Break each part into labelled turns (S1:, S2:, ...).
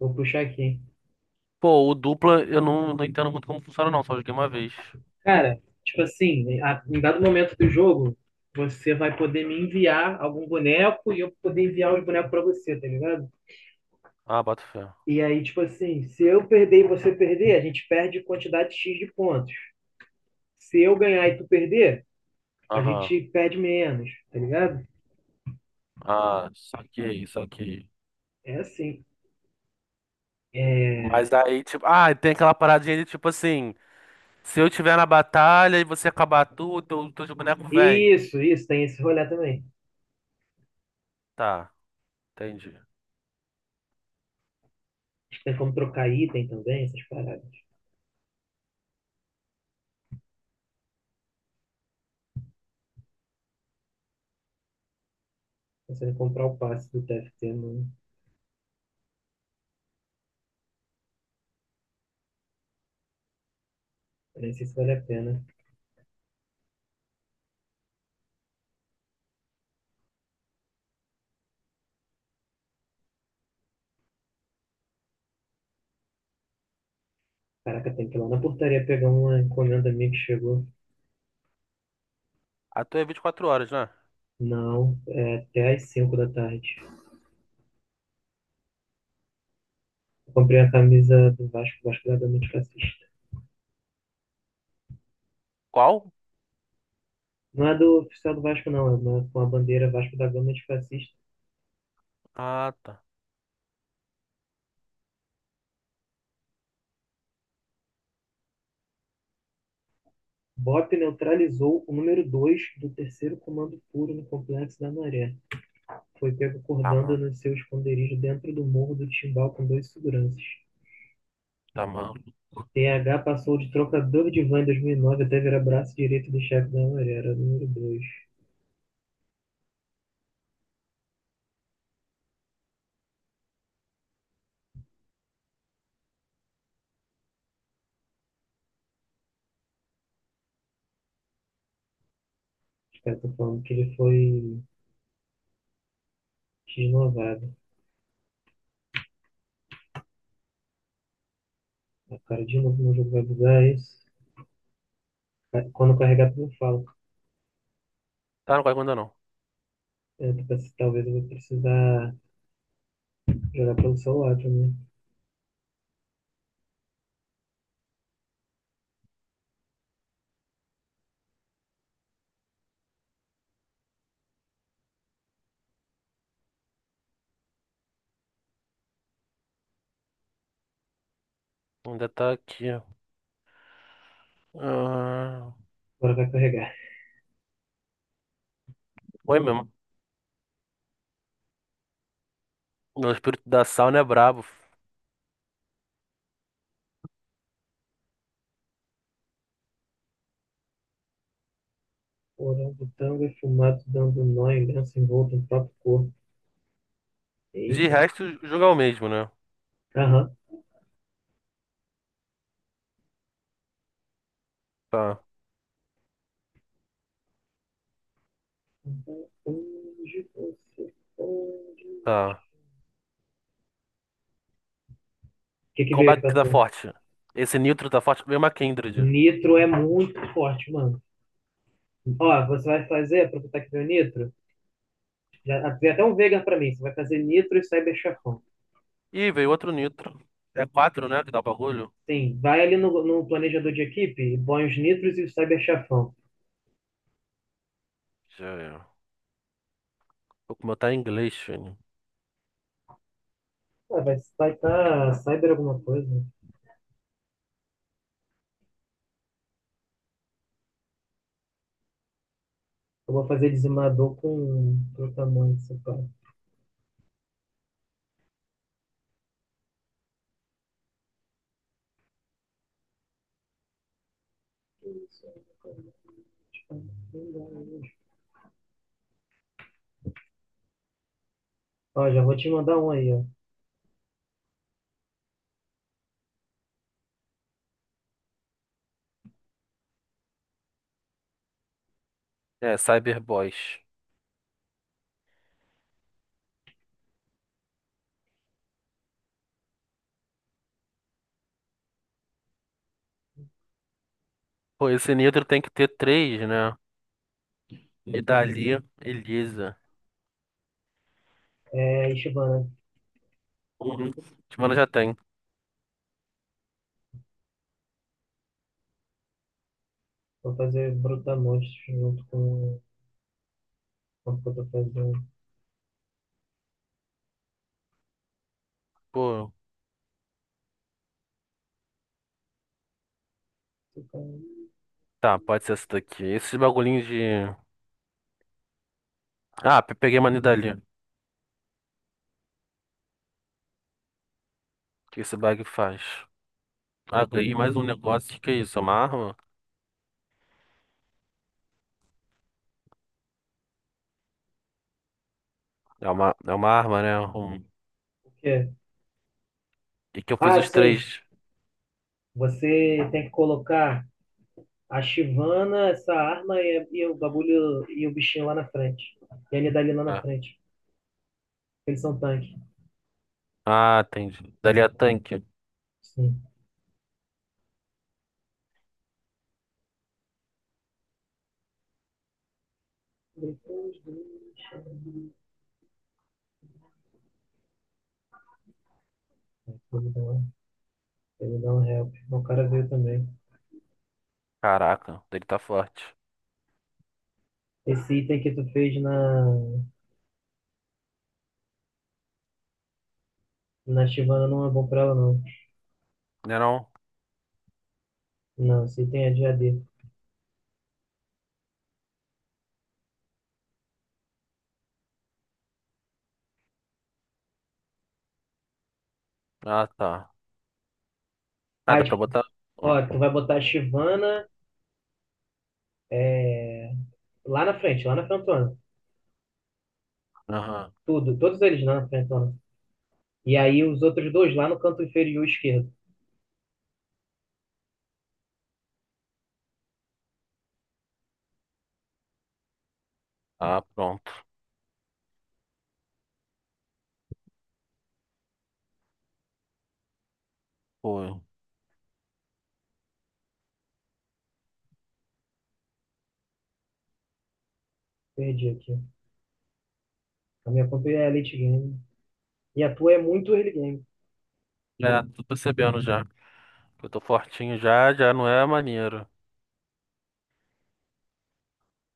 S1: Vou puxar aqui.
S2: Pô, o dupla eu não entendo muito como funciona, não. Só joguei uma vez.
S1: Cara, tipo assim, em dado momento do jogo, você vai poder me enviar algum boneco e eu poder enviar os bonecos pra você, tá ligado?
S2: Ah, boto fé.
S1: E aí, tipo assim, se eu perder e você perder, a gente perde quantidade X de pontos. Se eu ganhar e tu perder, a
S2: Aham.
S1: gente perde menos, tá ligado?
S2: Ah, saquei, saquei.
S1: É assim.
S2: Mas aí, tipo, ah, tem aquela paradinha de tipo assim: se eu tiver na batalha e você acabar tudo, teu boneco vem.
S1: Isso, tem esse rolê também.
S2: Tá, entendi.
S1: Tem como trocar item também, essas paradas. Pensando em comprar o passe do TFT, não, eu nem sei se vale a pena. Caraca, tem que ir lá na portaria pegar uma encomenda minha que chegou.
S2: A tua é 24 horas, né?
S1: Não, é até às 5 da tarde. Eu comprei a camisa do Vasco, Vasco da Gama Antifascista.
S2: Qual?
S1: Não é do oficial do Vasco, não, é uma, com a bandeira Vasco da Gama Antifascista.
S2: Ah, tá.
S1: BOP neutralizou o número 2 do terceiro comando puro no Complexo da Maré. Foi pego
S2: Tá,
S1: cordando
S2: mano.
S1: no seu esconderijo dentro do morro do Timbal com dois seguranças.
S2: Tá, mano.
S1: TH passou de trocador de van em 2009 até virar braço direito do chefe da Maré, era o número 2. Os caras estão falando que ele foi renovado. A cara de novo no jogo vai bugar é isso. Quando eu carregar, eu falo.
S2: Tá, não caiu ainda não.
S1: É, talvez eu vou precisar jogar pelo celular também.
S2: Ainda tá aqui. Ah,
S1: Agora vai carregar.
S2: foi mesmo. O espírito da sauna é brabo.
S1: Orango tango e fumado dando nó em lenço envolto no próprio corpo.
S2: De
S1: Eita.
S2: resto, o jogo é o mesmo, né?
S1: Aham.
S2: Tá,
S1: Onde você pode... O
S2: tá.
S1: que que
S2: Qual
S1: veio aí
S2: back que
S1: pra
S2: tá
S1: tu?
S2: forte? Esse Nitro tá forte. Veio uma Kindred.
S1: Nitro é muito forte, mano. Ó, você vai fazer, aproveitar que veio nitro. Já, tem até um vegan pra mim. Você vai fazer nitro e cyber chefão.
S2: Ih, veio outro Nitro. É quatro, né? Que dá o bagulho.
S1: Sim, vai ali no planejador de equipe e põe os nitros e o cyber chafão.
S2: Já é. Pô, como eu tá em inglês, filho.
S1: Ah, vai estar cyber alguma coisa. Né? Eu vou fazer dizimador com protamante, sei lá. Ó, já vou te mandar um aí, ó.
S2: É, Cyberboys. Pô, esse Nitro tem que ter três, né? E dali, Elisa.
S1: É, Ishibana.
S2: Uhum. Timana já tem.
S1: Vou fazer brutamonte junto com o que eu tô fazendo.
S2: Pô, tá, pode ser essa daqui. Esses bagulhinhos de. Ah, peguei uma Nidalee. O que esse bag faz? Ah, ganhei mais um negócio. O que que é isso? É uma arma? É uma arma, né? Um...
S1: O quê?
S2: E que eu fiz
S1: Ah,
S2: os
S1: sim.
S2: três.
S1: Você tem que colocar a Shivana, essa arma e o bagulho e o bichinho lá na frente. E a Nidali lá na
S2: Ah.
S1: frente. Eles são tanque.
S2: Ah, entendi. Dali é tanque.
S1: Sim. Depois deixa. Eu vou dar uma, eu vou dar um help. O cara veio também.
S2: Caraca, dele tá forte.
S1: Esse item que tu fez na Chivana não é bom pra ela, não.
S2: Né não?
S1: Não, esse item é de AD.
S2: Ah, tá. Ah,
S1: Ah,
S2: dá pra
S1: tipo,
S2: botar. Hum,
S1: ó, tu vai botar a Chivana é, lá na frente, lá na frentona.
S2: Aham.
S1: Tudo, todos eles lá na frentona. E aí os outros dois lá no canto inferior esquerdo.
S2: Ah, pronto. Foi.
S1: Perdi aqui. A minha conta é Elite Game. E a tua é muito early game.
S2: É, tô percebendo já. Eu tô fortinho já, já não é maneiro.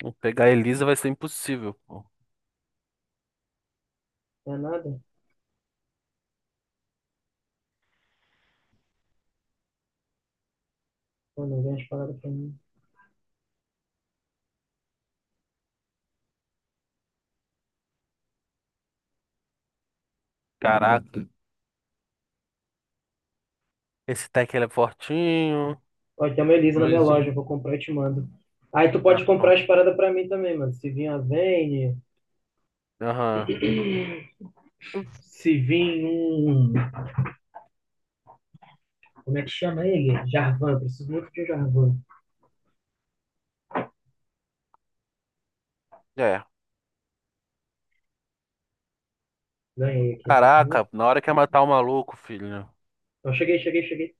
S2: Vou pegar a Elisa, vai ser impossível, pô.
S1: Não é nada? Pô, não vem as paradas pra mim.
S2: Caraca. Esse tech ele é fortinho.
S1: Ó, tem uma Elisa na minha
S2: Coisa.
S1: loja, eu vou comprar e te mando. Aí tu
S2: Ah,
S1: pode comprar as
S2: pronto.
S1: paradas pra mim também, mano. Se vir a Vayne,
S2: Aham.
S1: se vir um. Como é que chama ele? Jarvan, preciso muito de um Jarvan.
S2: É.
S1: Ganhei aqui, tá vendo?
S2: Caraca, na hora que é matar o maluco, filho.
S1: Então cheguei.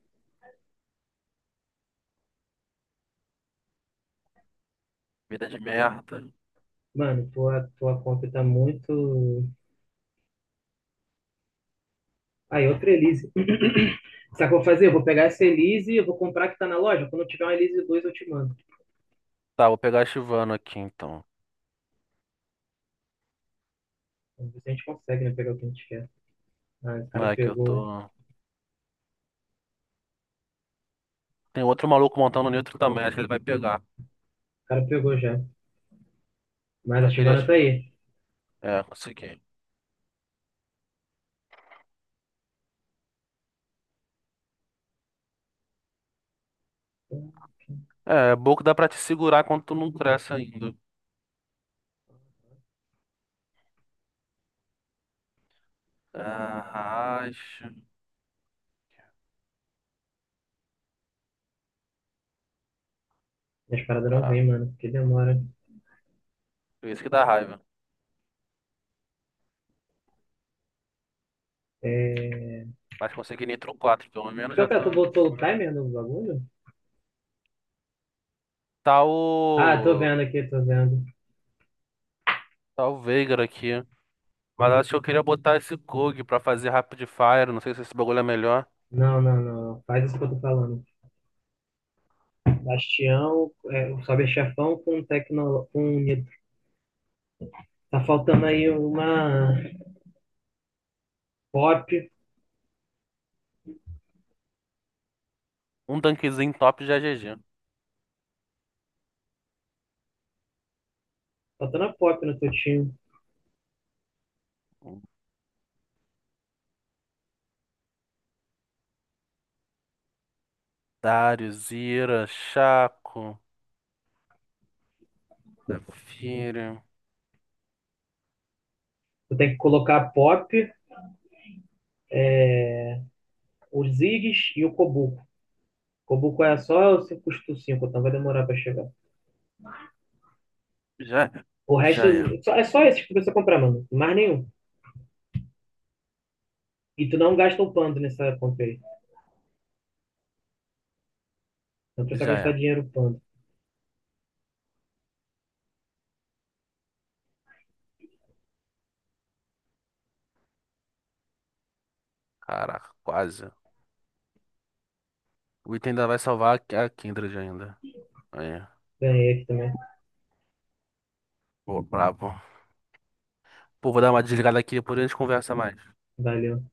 S2: Vida de merda.
S1: Mano, tua compra tá muito. Aí, outra Elise. Sabe o que eu vou fazer? Eu vou pegar essa Elise, e eu vou comprar a que tá na loja. Quando eu tiver uma Elise 2 eu te mando.
S2: Tá, vou pegar a Chivano aqui então.
S1: Vamos ver se a gente consegue, né? Pegar o que a gente quer. Ah, o cara
S2: É que eu
S1: pegou. O
S2: tô. Tem outro maluco montando neutro também, acho que ele vai pegar.
S1: cara pegou já. Mas a
S2: Eu queria
S1: Chivana tá
S2: ativar.
S1: aí.
S2: É, consegui. É, é bom que dá pra te segurar quando tu não cresce ainda. Ah, acho.
S1: Minhas paradas não
S2: Ah,
S1: vêm, mano, porque demora.
S2: isso que dá raiva.
S1: É...
S2: Mas consegui nitro 4 pelo menos,
S1: Pior
S2: já
S1: que tu
S2: tá.
S1: botou o timer no bagulho?
S2: Tá
S1: Ah, tô
S2: o.
S1: vendo aqui, tô vendo.
S2: Tá o Veigar aqui. Mas acho que eu queria botar esse Kog pra fazer Rapid Fire. Não sei se esse bagulho é melhor.
S1: Não, não, não. Faz isso que eu tô falando. Bastião, é, o Sobe Chefão com Tecno... com Nitro. Tá faltando aí uma pop.
S2: Um tanquezinho top já é GG.
S1: Faltando a pop no teu time.
S2: Darius, Ira, Chaco, Zafira.
S1: Tu tem que colocar a pop, os Ziggs e o Kobuko. Kobuko é só o custo 5 então vai demorar pra chegar.
S2: Já é.
S1: O
S2: Já
S1: resto,
S2: é.
S1: é só esse que tu precisa comprar, mano. Mais nenhum. E tu não gasta o pando nessa compra aí. Não precisa
S2: Já
S1: gastar
S2: é.
S1: dinheiro quando.
S2: Caraca, quase. O item ainda vai salvar a Kindred ainda. Aí,
S1: Ganhei aqui também.
S2: pô, brabo. Pô, vou dar uma desligada aqui, depois a gente conversa mais.
S1: Valeu.